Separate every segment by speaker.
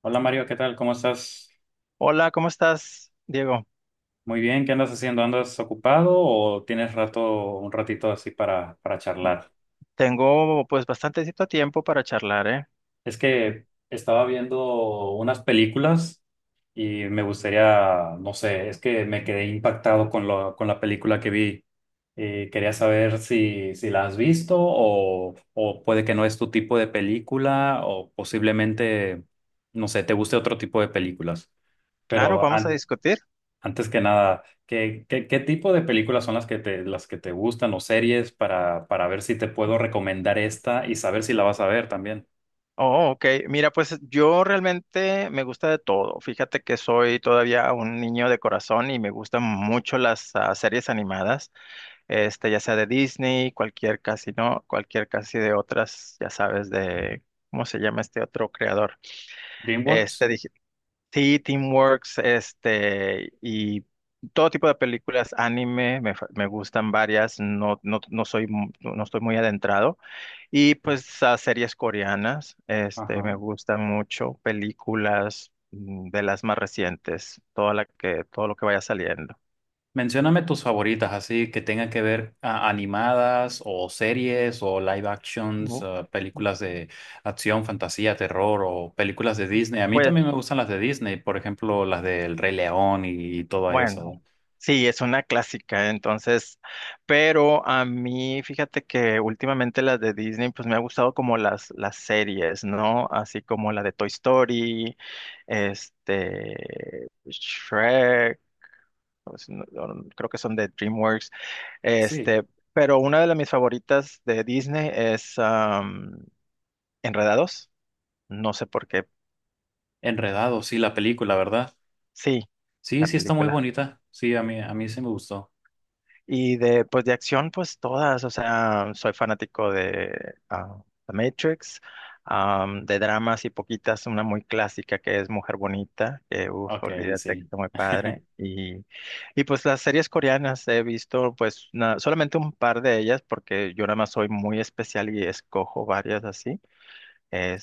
Speaker 1: Hola Mario, ¿qué tal? ¿Cómo estás?
Speaker 2: Hola, ¿cómo estás, Diego?
Speaker 1: Muy bien, ¿qué andas haciendo? ¿Andas ocupado o tienes rato, un ratito así para charlar?
Speaker 2: Tengo pues bastantecito tiempo para charlar, ¿eh?
Speaker 1: Es que estaba viendo unas películas y me gustaría, no sé, es que me quedé impactado con lo, con la película que vi. Quería saber si la has visto o puede que no es tu tipo de película o posiblemente, no sé, te guste otro tipo de películas.
Speaker 2: Claro,
Speaker 1: Pero
Speaker 2: vamos a
Speaker 1: an-
Speaker 2: discutir.
Speaker 1: Antes que nada, ¿ qué tipo de películas son las que te gustan o series para ver si te puedo recomendar esta y saber si la vas a ver también?
Speaker 2: Oh, ok. Mira, pues yo realmente me gusta de todo. Fíjate que soy todavía un niño de corazón y me gustan mucho las series animadas, ya sea de Disney, cualquier casi, ¿no? Cualquier casi de otras, ya sabes, de, ¿cómo se llama este otro creador?
Speaker 1: DreamWorks.
Speaker 2: Dije, sí, Teamworks, y todo tipo de películas, anime, me gustan varias, no, no, no soy, no estoy muy adentrado y pues a series coreanas, me
Speaker 1: Ajá.
Speaker 2: gustan mucho, películas de las más recientes, todo lo que vaya saliendo.
Speaker 1: Mencióname tus favoritas, así que tengan que ver animadas o series o live actions,
Speaker 2: Bu-
Speaker 1: películas de acción, fantasía, terror o películas de Disney. A mí
Speaker 2: Pues
Speaker 1: también me gustan las de Disney, por ejemplo, las del Rey León y todo
Speaker 2: bueno,
Speaker 1: eso.
Speaker 2: sí, es una clásica, entonces, pero a mí, fíjate que últimamente las de Disney, pues me ha gustado como las series, ¿no? Así como la de Toy Story, Shrek, pues, creo que son de DreamWorks.
Speaker 1: Sí.
Speaker 2: Este, pero una de las mis favoritas de Disney es Enredados. No sé por qué.
Speaker 1: Enredados, sí, la película, ¿verdad?
Speaker 2: Sí,
Speaker 1: Sí,
Speaker 2: la
Speaker 1: sí está muy
Speaker 2: película.
Speaker 1: bonita. Sí, a mí sí me gustó.
Speaker 2: Y de, pues de acción, pues todas. O sea, soy fanático de ah, The Matrix, de dramas y poquitas. Una muy clásica que es Mujer Bonita, que uff,
Speaker 1: Ok,
Speaker 2: olvídate que
Speaker 1: sí.
Speaker 2: está muy padre. Y pues las series coreanas he visto, pues solamente un par de ellas, porque yo nada más soy muy especial y escojo varias así.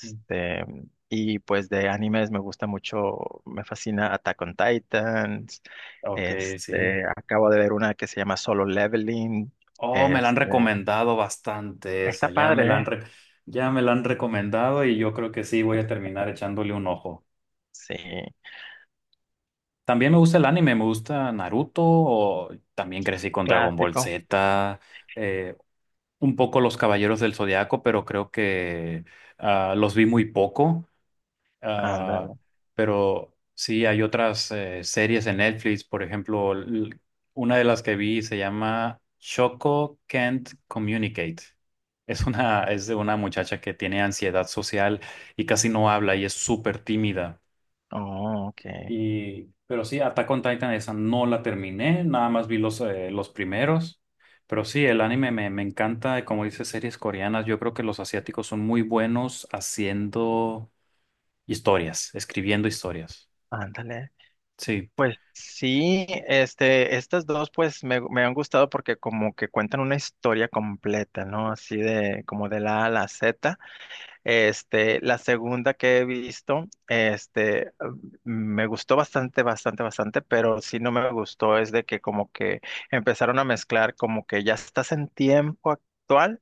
Speaker 1: Sí.
Speaker 2: y pues de animes me gusta mucho, me fascina Attack on Titans.
Speaker 1: Ok, sí.
Speaker 2: Acabo de ver una que se llama Solo Leveling.
Speaker 1: Oh, me la han
Speaker 2: Este,
Speaker 1: recomendado bastante
Speaker 2: está
Speaker 1: esa.
Speaker 2: padre, ¿eh?
Speaker 1: Ya me la han recomendado y yo creo que sí voy a terminar echándole un ojo.
Speaker 2: Sí,
Speaker 1: También me gusta el anime, me gusta Naruto, o también crecí con Dragon Ball
Speaker 2: clásico.
Speaker 1: Z, eh, un poco Los Caballeros del Zodiaco, pero creo que los vi muy poco. Ah,
Speaker 2: Ándale.
Speaker 1: pero sí, hay otras series en Netflix, por ejemplo, una de las que vi se llama Choco Can't Communicate. Es de una muchacha que tiene ansiedad social y casi no habla y es súper tímida.
Speaker 2: Oh, ok.
Speaker 1: Y, pero sí, Attack on Titan, esa no la terminé, nada más vi los primeros. Pero sí, el anime me encanta, como dice, series coreanas. Yo creo que los asiáticos son muy buenos haciendo historias, escribiendo historias.
Speaker 2: Ándale.
Speaker 1: Sí,
Speaker 2: Pues sí, estas dos pues me han gustado porque como que cuentan una historia completa, ¿no? Así de como de la A a la Z. La segunda que he visto, me gustó bastante, bastante, bastante, pero sí no me gustó es de que como que empezaron a mezclar como que ya estás en tiempo actual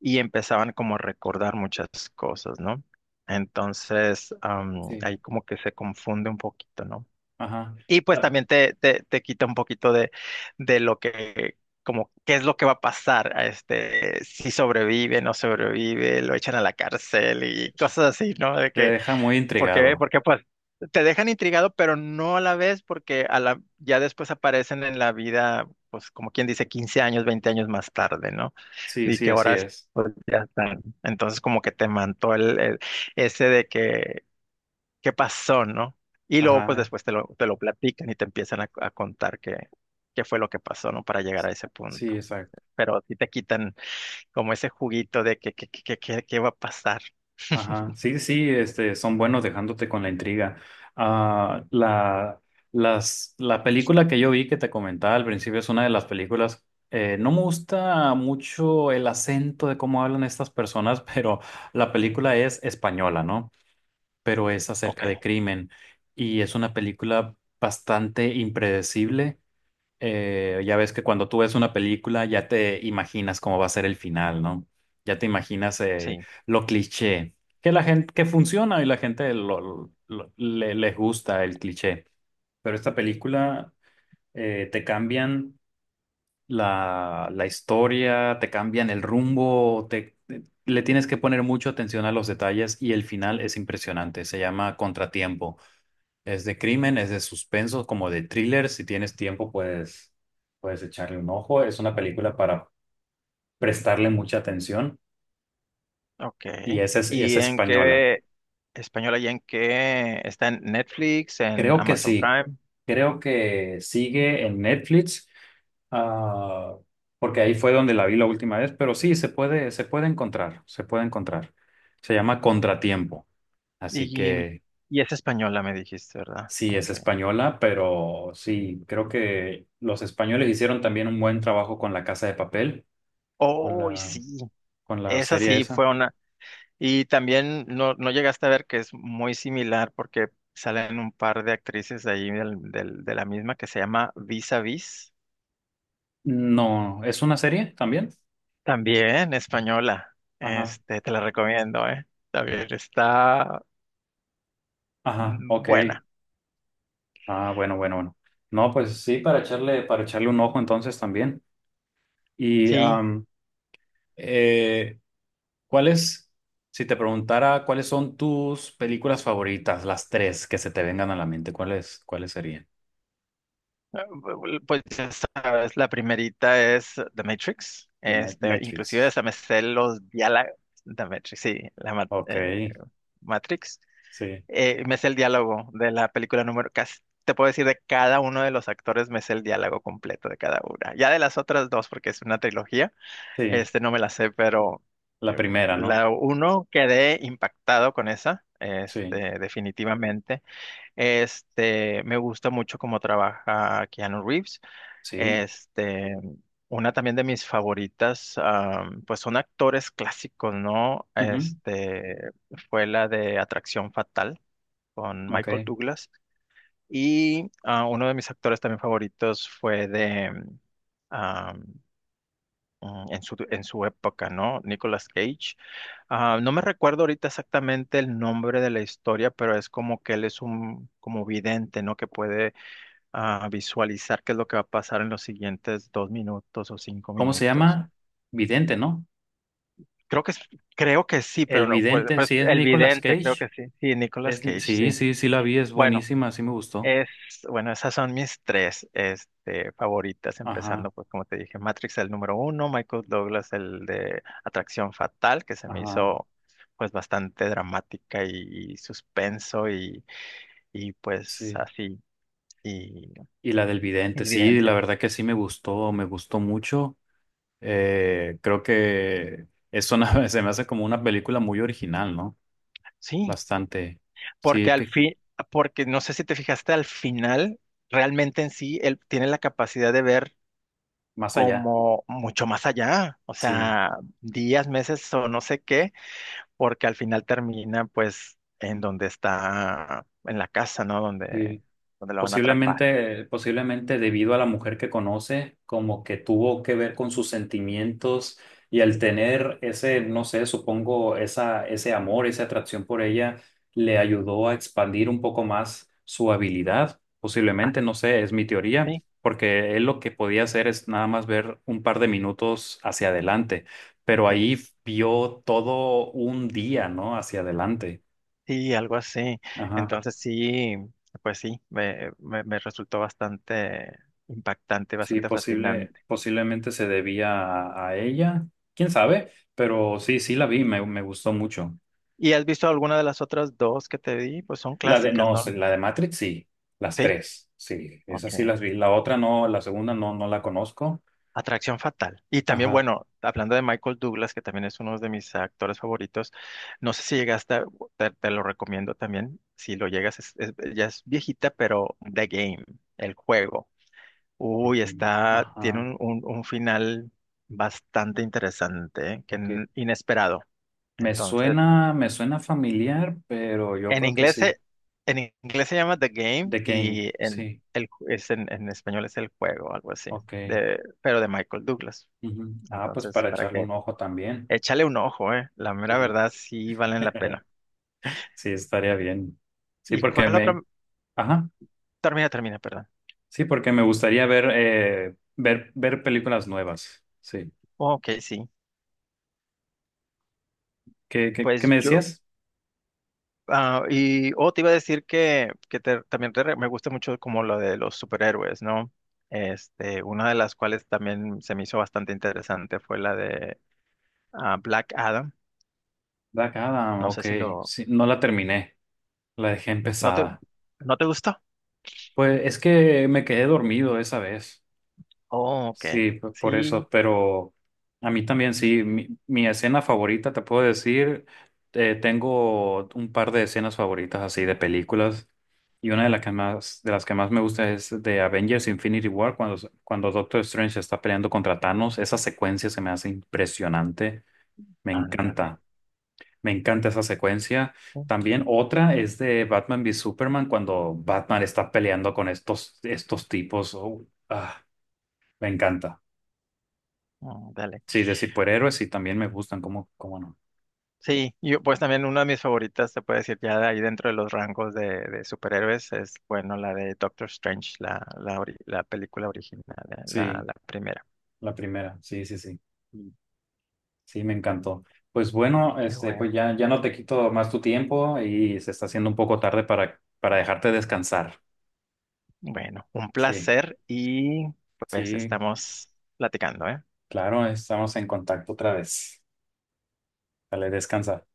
Speaker 2: y empezaban como a recordar muchas cosas, ¿no? Entonces, ahí
Speaker 1: sí.
Speaker 2: como que se confunde un poquito, ¿no?
Speaker 1: Ajá.
Speaker 2: Y pues
Speaker 1: La-
Speaker 2: también te quita un poquito de lo que, como, qué es lo que va a pasar, a este, si sobrevive, no sobrevive, lo echan a la cárcel
Speaker 1: Te
Speaker 2: y cosas así, ¿no? De
Speaker 1: te
Speaker 2: que,
Speaker 1: deja muy intrigado.
Speaker 2: porque pues te dejan intrigado, pero no a la vez, porque a la, ya después aparecen en la vida, pues como quien dice, 15 años, 20 años más tarde, ¿no?
Speaker 1: Sí,
Speaker 2: Y
Speaker 1: sí,
Speaker 2: que
Speaker 1: así
Speaker 2: ahora es,
Speaker 1: es.
Speaker 2: pues ya están. Entonces como que te mantó ese de que qué pasó, ¿no? Y luego, pues
Speaker 1: Ajá,
Speaker 2: después te lo platican y te empiezan a contar qué, qué fue lo que pasó, ¿no? Para llegar a ese
Speaker 1: sí,
Speaker 2: punto.
Speaker 1: exacto.
Speaker 2: Pero sí te quitan como ese juguito de que, qué va a pasar.
Speaker 1: Ajá, sí, sí, este, son buenos dejándote con la intriga. Ah, la, la película que yo vi que te comentaba al principio es una de las películas. No me gusta mucho el acento de cómo hablan estas personas, pero la película es española, ¿no? Pero es
Speaker 2: Ok,
Speaker 1: acerca de crimen y es una película bastante impredecible. Ya ves que cuando tú ves una película ya te imaginas cómo va a ser el final, ¿no? Ya te imaginas
Speaker 2: sí.
Speaker 1: lo cliché, que la gente, que funciona y la gente le, les gusta el cliché. Pero esta película te cambian la historia, te cambian el rumbo, te, le tienes que poner mucha atención a los detalles y el final es impresionante. Se llama Contratiempo. Es de crimen, es de suspenso, como de thriller. Si tienes tiempo, puedes echarle un ojo. Es una película
Speaker 2: Mm.
Speaker 1: para prestarle mucha atención
Speaker 2: Ok.
Speaker 1: y esa es, y es
Speaker 2: ¿Y en
Speaker 1: española.
Speaker 2: qué española y en qué está en Netflix, en
Speaker 1: Creo que
Speaker 2: Amazon
Speaker 1: sí.
Speaker 2: Prime?
Speaker 1: Creo que sigue en Netflix, ah, porque ahí fue donde la vi la última vez, pero sí, se puede encontrar, se puede encontrar. Se llama Contratiempo, así
Speaker 2: Y,
Speaker 1: que
Speaker 2: y es española, me dijiste, ¿verdad?
Speaker 1: sí, es
Speaker 2: Ok.
Speaker 1: española, pero sí, creo que los españoles hicieron también un buen trabajo con La Casa de Papel con
Speaker 2: Oh,
Speaker 1: la,
Speaker 2: sí.
Speaker 1: con la
Speaker 2: Esa
Speaker 1: serie
Speaker 2: sí
Speaker 1: esa.
Speaker 2: fue. Y también no, no llegaste a ver que es muy similar porque salen un par de actrices de ahí de la misma que se llama Vis a Vis,
Speaker 1: No, ¿es una serie también?
Speaker 2: también española.
Speaker 1: Ajá,
Speaker 2: Te la recomiendo, ¿eh? También está
Speaker 1: ajá, ok.
Speaker 2: buena.
Speaker 1: Ah, bueno, bueno, bueno. No, pues sí, para echarle un ojo entonces también. Y
Speaker 2: Sí,
Speaker 1: am, eh, ¿cuáles, si te preguntara cuáles son tus películas favoritas, las tres que se te vengan a la mente, ¿cuáles, cuáles serían?
Speaker 2: pues ya sabes, la primerita es The Matrix.
Speaker 1: De
Speaker 2: Inclusive
Speaker 1: Matrix.
Speaker 2: hasta me sé los diálogos. The Matrix, sí,
Speaker 1: Ok,
Speaker 2: Matrix.
Speaker 1: sí,
Speaker 2: Me sé el diálogo de la película número, casi te puedo decir de cada uno de los actores, me sé el diálogo completo de cada una. Ya de las otras dos, porque es una trilogía,
Speaker 1: sí.
Speaker 2: este no me la sé, pero
Speaker 1: La
Speaker 2: eh,
Speaker 1: primera, ¿no?
Speaker 2: la uno quedé impactado con esa,
Speaker 1: Sí,
Speaker 2: este, definitivamente. Me gusta mucho cómo trabaja Keanu Reeves.
Speaker 1: sí.
Speaker 2: Este, una también de mis favoritas, pues son actores clásicos, ¿no?
Speaker 1: Ujú,
Speaker 2: Fue la de Atracción Fatal con Michael
Speaker 1: ok.
Speaker 2: Douglas. Y uno de mis actores también favoritos fue de, ah, en en su época, ¿no? Nicolas Cage. Ah, no me recuerdo ahorita exactamente el nombre de la historia, pero es como que él es un como vidente, ¿no? Que puede visualizar qué es lo que va a pasar en los siguientes dos minutos o cinco
Speaker 1: ¿Cómo se
Speaker 2: minutos.
Speaker 1: llama? Vidente, ¿no?
Speaker 2: Creo que, es- creo que sí,
Speaker 1: El
Speaker 2: pero no, pues,
Speaker 1: vidente,
Speaker 2: pues,
Speaker 1: sí es
Speaker 2: el
Speaker 1: Nicolas
Speaker 2: vidente, creo que
Speaker 1: Cage.
Speaker 2: sí. Sí, Nicolas
Speaker 1: Es, Ni-
Speaker 2: Cage,
Speaker 1: Sí,
Speaker 2: sí.
Speaker 1: sí, sí la vi, es
Speaker 2: Bueno.
Speaker 1: buenísima, sí me gustó.
Speaker 2: Es, bueno, esas son mis tres, favoritas,
Speaker 1: Ajá,
Speaker 2: empezando, pues, como te dije, Matrix el número uno, Michael Douglas el de Atracción Fatal, que se me
Speaker 1: ajá,
Speaker 2: hizo, pues, bastante dramática y suspenso y, pues,
Speaker 1: sí.
Speaker 2: así, y
Speaker 1: Y la del vidente,
Speaker 2: y
Speaker 1: sí, la
Speaker 2: evidente.
Speaker 1: verdad que sí me gustó mucho. Creo que es una, se me hace como una película muy original, ¿no?
Speaker 2: Sí,
Speaker 1: Bastante.
Speaker 2: porque
Speaker 1: Sí,
Speaker 2: al
Speaker 1: que
Speaker 2: fin, porque no sé si te fijaste, al final, realmente en sí, él tiene la capacidad de ver
Speaker 1: más allá.
Speaker 2: como mucho más allá, o
Speaker 1: Sí,
Speaker 2: sea, días, meses o no sé qué porque al final termina pues en donde está, en la casa, ¿no? Donde,
Speaker 1: sí.
Speaker 2: donde lo van a atrapar.
Speaker 1: Posiblemente, posiblemente debido a la mujer que conoce, como que tuvo que ver con sus sentimientos y al tener ese, no sé, supongo, esa, ese amor, esa atracción por ella, le ayudó a expandir un poco más su habilidad.
Speaker 2: Ah,
Speaker 1: Posiblemente, no sé, es mi teoría,
Speaker 2: sí,
Speaker 1: porque él lo que podía hacer es nada más ver un par de minutos hacia adelante, pero
Speaker 2: sí,
Speaker 1: ahí vio todo un día, ¿no? Hacia adelante.
Speaker 2: sí, algo así. Entonces sí, pues sí, me resultó bastante impactante,
Speaker 1: Sí,
Speaker 2: bastante
Speaker 1: posible,
Speaker 2: fascinante.
Speaker 1: posiblemente se debía a ella, quién sabe, pero sí, sí la vi, me gustó mucho.
Speaker 2: ¿Y has visto alguna de las otras dos que te di? Pues son
Speaker 1: La de,
Speaker 2: clásicas,
Speaker 1: no,
Speaker 2: ¿no?
Speaker 1: sí, la de Matrix, sí, las
Speaker 2: Sí,
Speaker 1: tres, sí,
Speaker 2: ok.
Speaker 1: esas sí las vi. La otra no, la segunda no, no la conozco.
Speaker 2: Atracción Fatal. Y también,
Speaker 1: Ajá,
Speaker 2: bueno, hablando de Michael Douglas, que también es uno de mis actores favoritos, no sé si llegaste, te lo recomiendo también, si lo llegas, ya es viejita, pero The Game, el juego.
Speaker 1: de
Speaker 2: Uy,
Speaker 1: que,
Speaker 2: está, tiene
Speaker 1: ajá,
Speaker 2: un final bastante interesante, ¿eh?
Speaker 1: ok.
Speaker 2: Inesperado. Entonces,
Speaker 1: Me suena familiar, pero yo
Speaker 2: en
Speaker 1: creo que
Speaker 2: inglés,
Speaker 1: sí.
Speaker 2: se- en inglés se llama The Game
Speaker 1: The Game,
Speaker 2: y en,
Speaker 1: sí,
Speaker 2: es en español es el juego, algo así,
Speaker 1: ok.
Speaker 2: de, pero de Michael Douglas.
Speaker 1: Ujú. Ah, pues
Speaker 2: Entonces,
Speaker 1: para
Speaker 2: para
Speaker 1: echarle
Speaker 2: que
Speaker 1: un ojo también.
Speaker 2: échale un ojo, eh. La mera
Speaker 1: Sí,
Speaker 2: verdad sí valen la pena.
Speaker 1: sí, estaría bien. Sí,
Speaker 2: ¿Y
Speaker 1: porque
Speaker 2: cuál otra?
Speaker 1: me, ajá.
Speaker 2: Termina, termina, perdón.
Speaker 1: Sí, porque me gustaría ver, ver películas nuevas. Sí.
Speaker 2: Ok, sí.
Speaker 1: ¿Qué, qué, qué me
Speaker 2: Pues yo,
Speaker 1: decías?
Speaker 2: oh, te iba a decir que te- también te re- me gusta mucho como lo de los superhéroes, ¿no? Una de las cuales también se me hizo bastante interesante fue la de Black Adam.
Speaker 1: Black Adam,
Speaker 2: No
Speaker 1: ok.
Speaker 2: sé si lo,
Speaker 1: Sí, no la terminé. La dejé
Speaker 2: ¿no te,
Speaker 1: empezada.
Speaker 2: ¿no te gustó?
Speaker 1: Pues es que me quedé dormido esa vez.
Speaker 2: Oh, ok.
Speaker 1: Sí, pues por
Speaker 2: Sí,
Speaker 1: eso, pero a mí también sí, mi escena favorita, te puedo decir, tengo un par de escenas favoritas así de películas y una de las que más, de las que más me gusta es de Avengers Infinity War cuando, cuando Doctor Strange está peleando contra Thanos, esa secuencia se me hace impresionante, me
Speaker 2: ándale.
Speaker 1: encanta, me encanta esa secuencia.
Speaker 2: Mm,
Speaker 1: También otra es de Batman v Superman cuando Batman está peleando con estos, estos tipos, oh, ah, me encanta.
Speaker 2: Ándale.
Speaker 1: Sí, de superhéroes sí también me gustan, ¿cómo, cómo no?
Speaker 2: Sí, yo pues también una de mis favoritas, se puede decir, ya de ahí dentro de los rangos de superhéroes, es, bueno, la de Doctor Strange, la película original, la
Speaker 1: Sí,
Speaker 2: la primera.
Speaker 1: la primera, sí, sí, sí,
Speaker 2: Mm.
Speaker 1: sí, me encantó. Pues bueno,
Speaker 2: Qué
Speaker 1: este, pues
Speaker 2: bueno.
Speaker 1: ya, ya no te quito más tu tiempo y se está haciendo un poco tarde para dejarte descansar.
Speaker 2: Bueno, un
Speaker 1: Sí,
Speaker 2: placer y pues
Speaker 1: sí,
Speaker 2: estamos platicando, ¿eh?
Speaker 1: claro, estamos en contacto otra vez. Dale, descansa.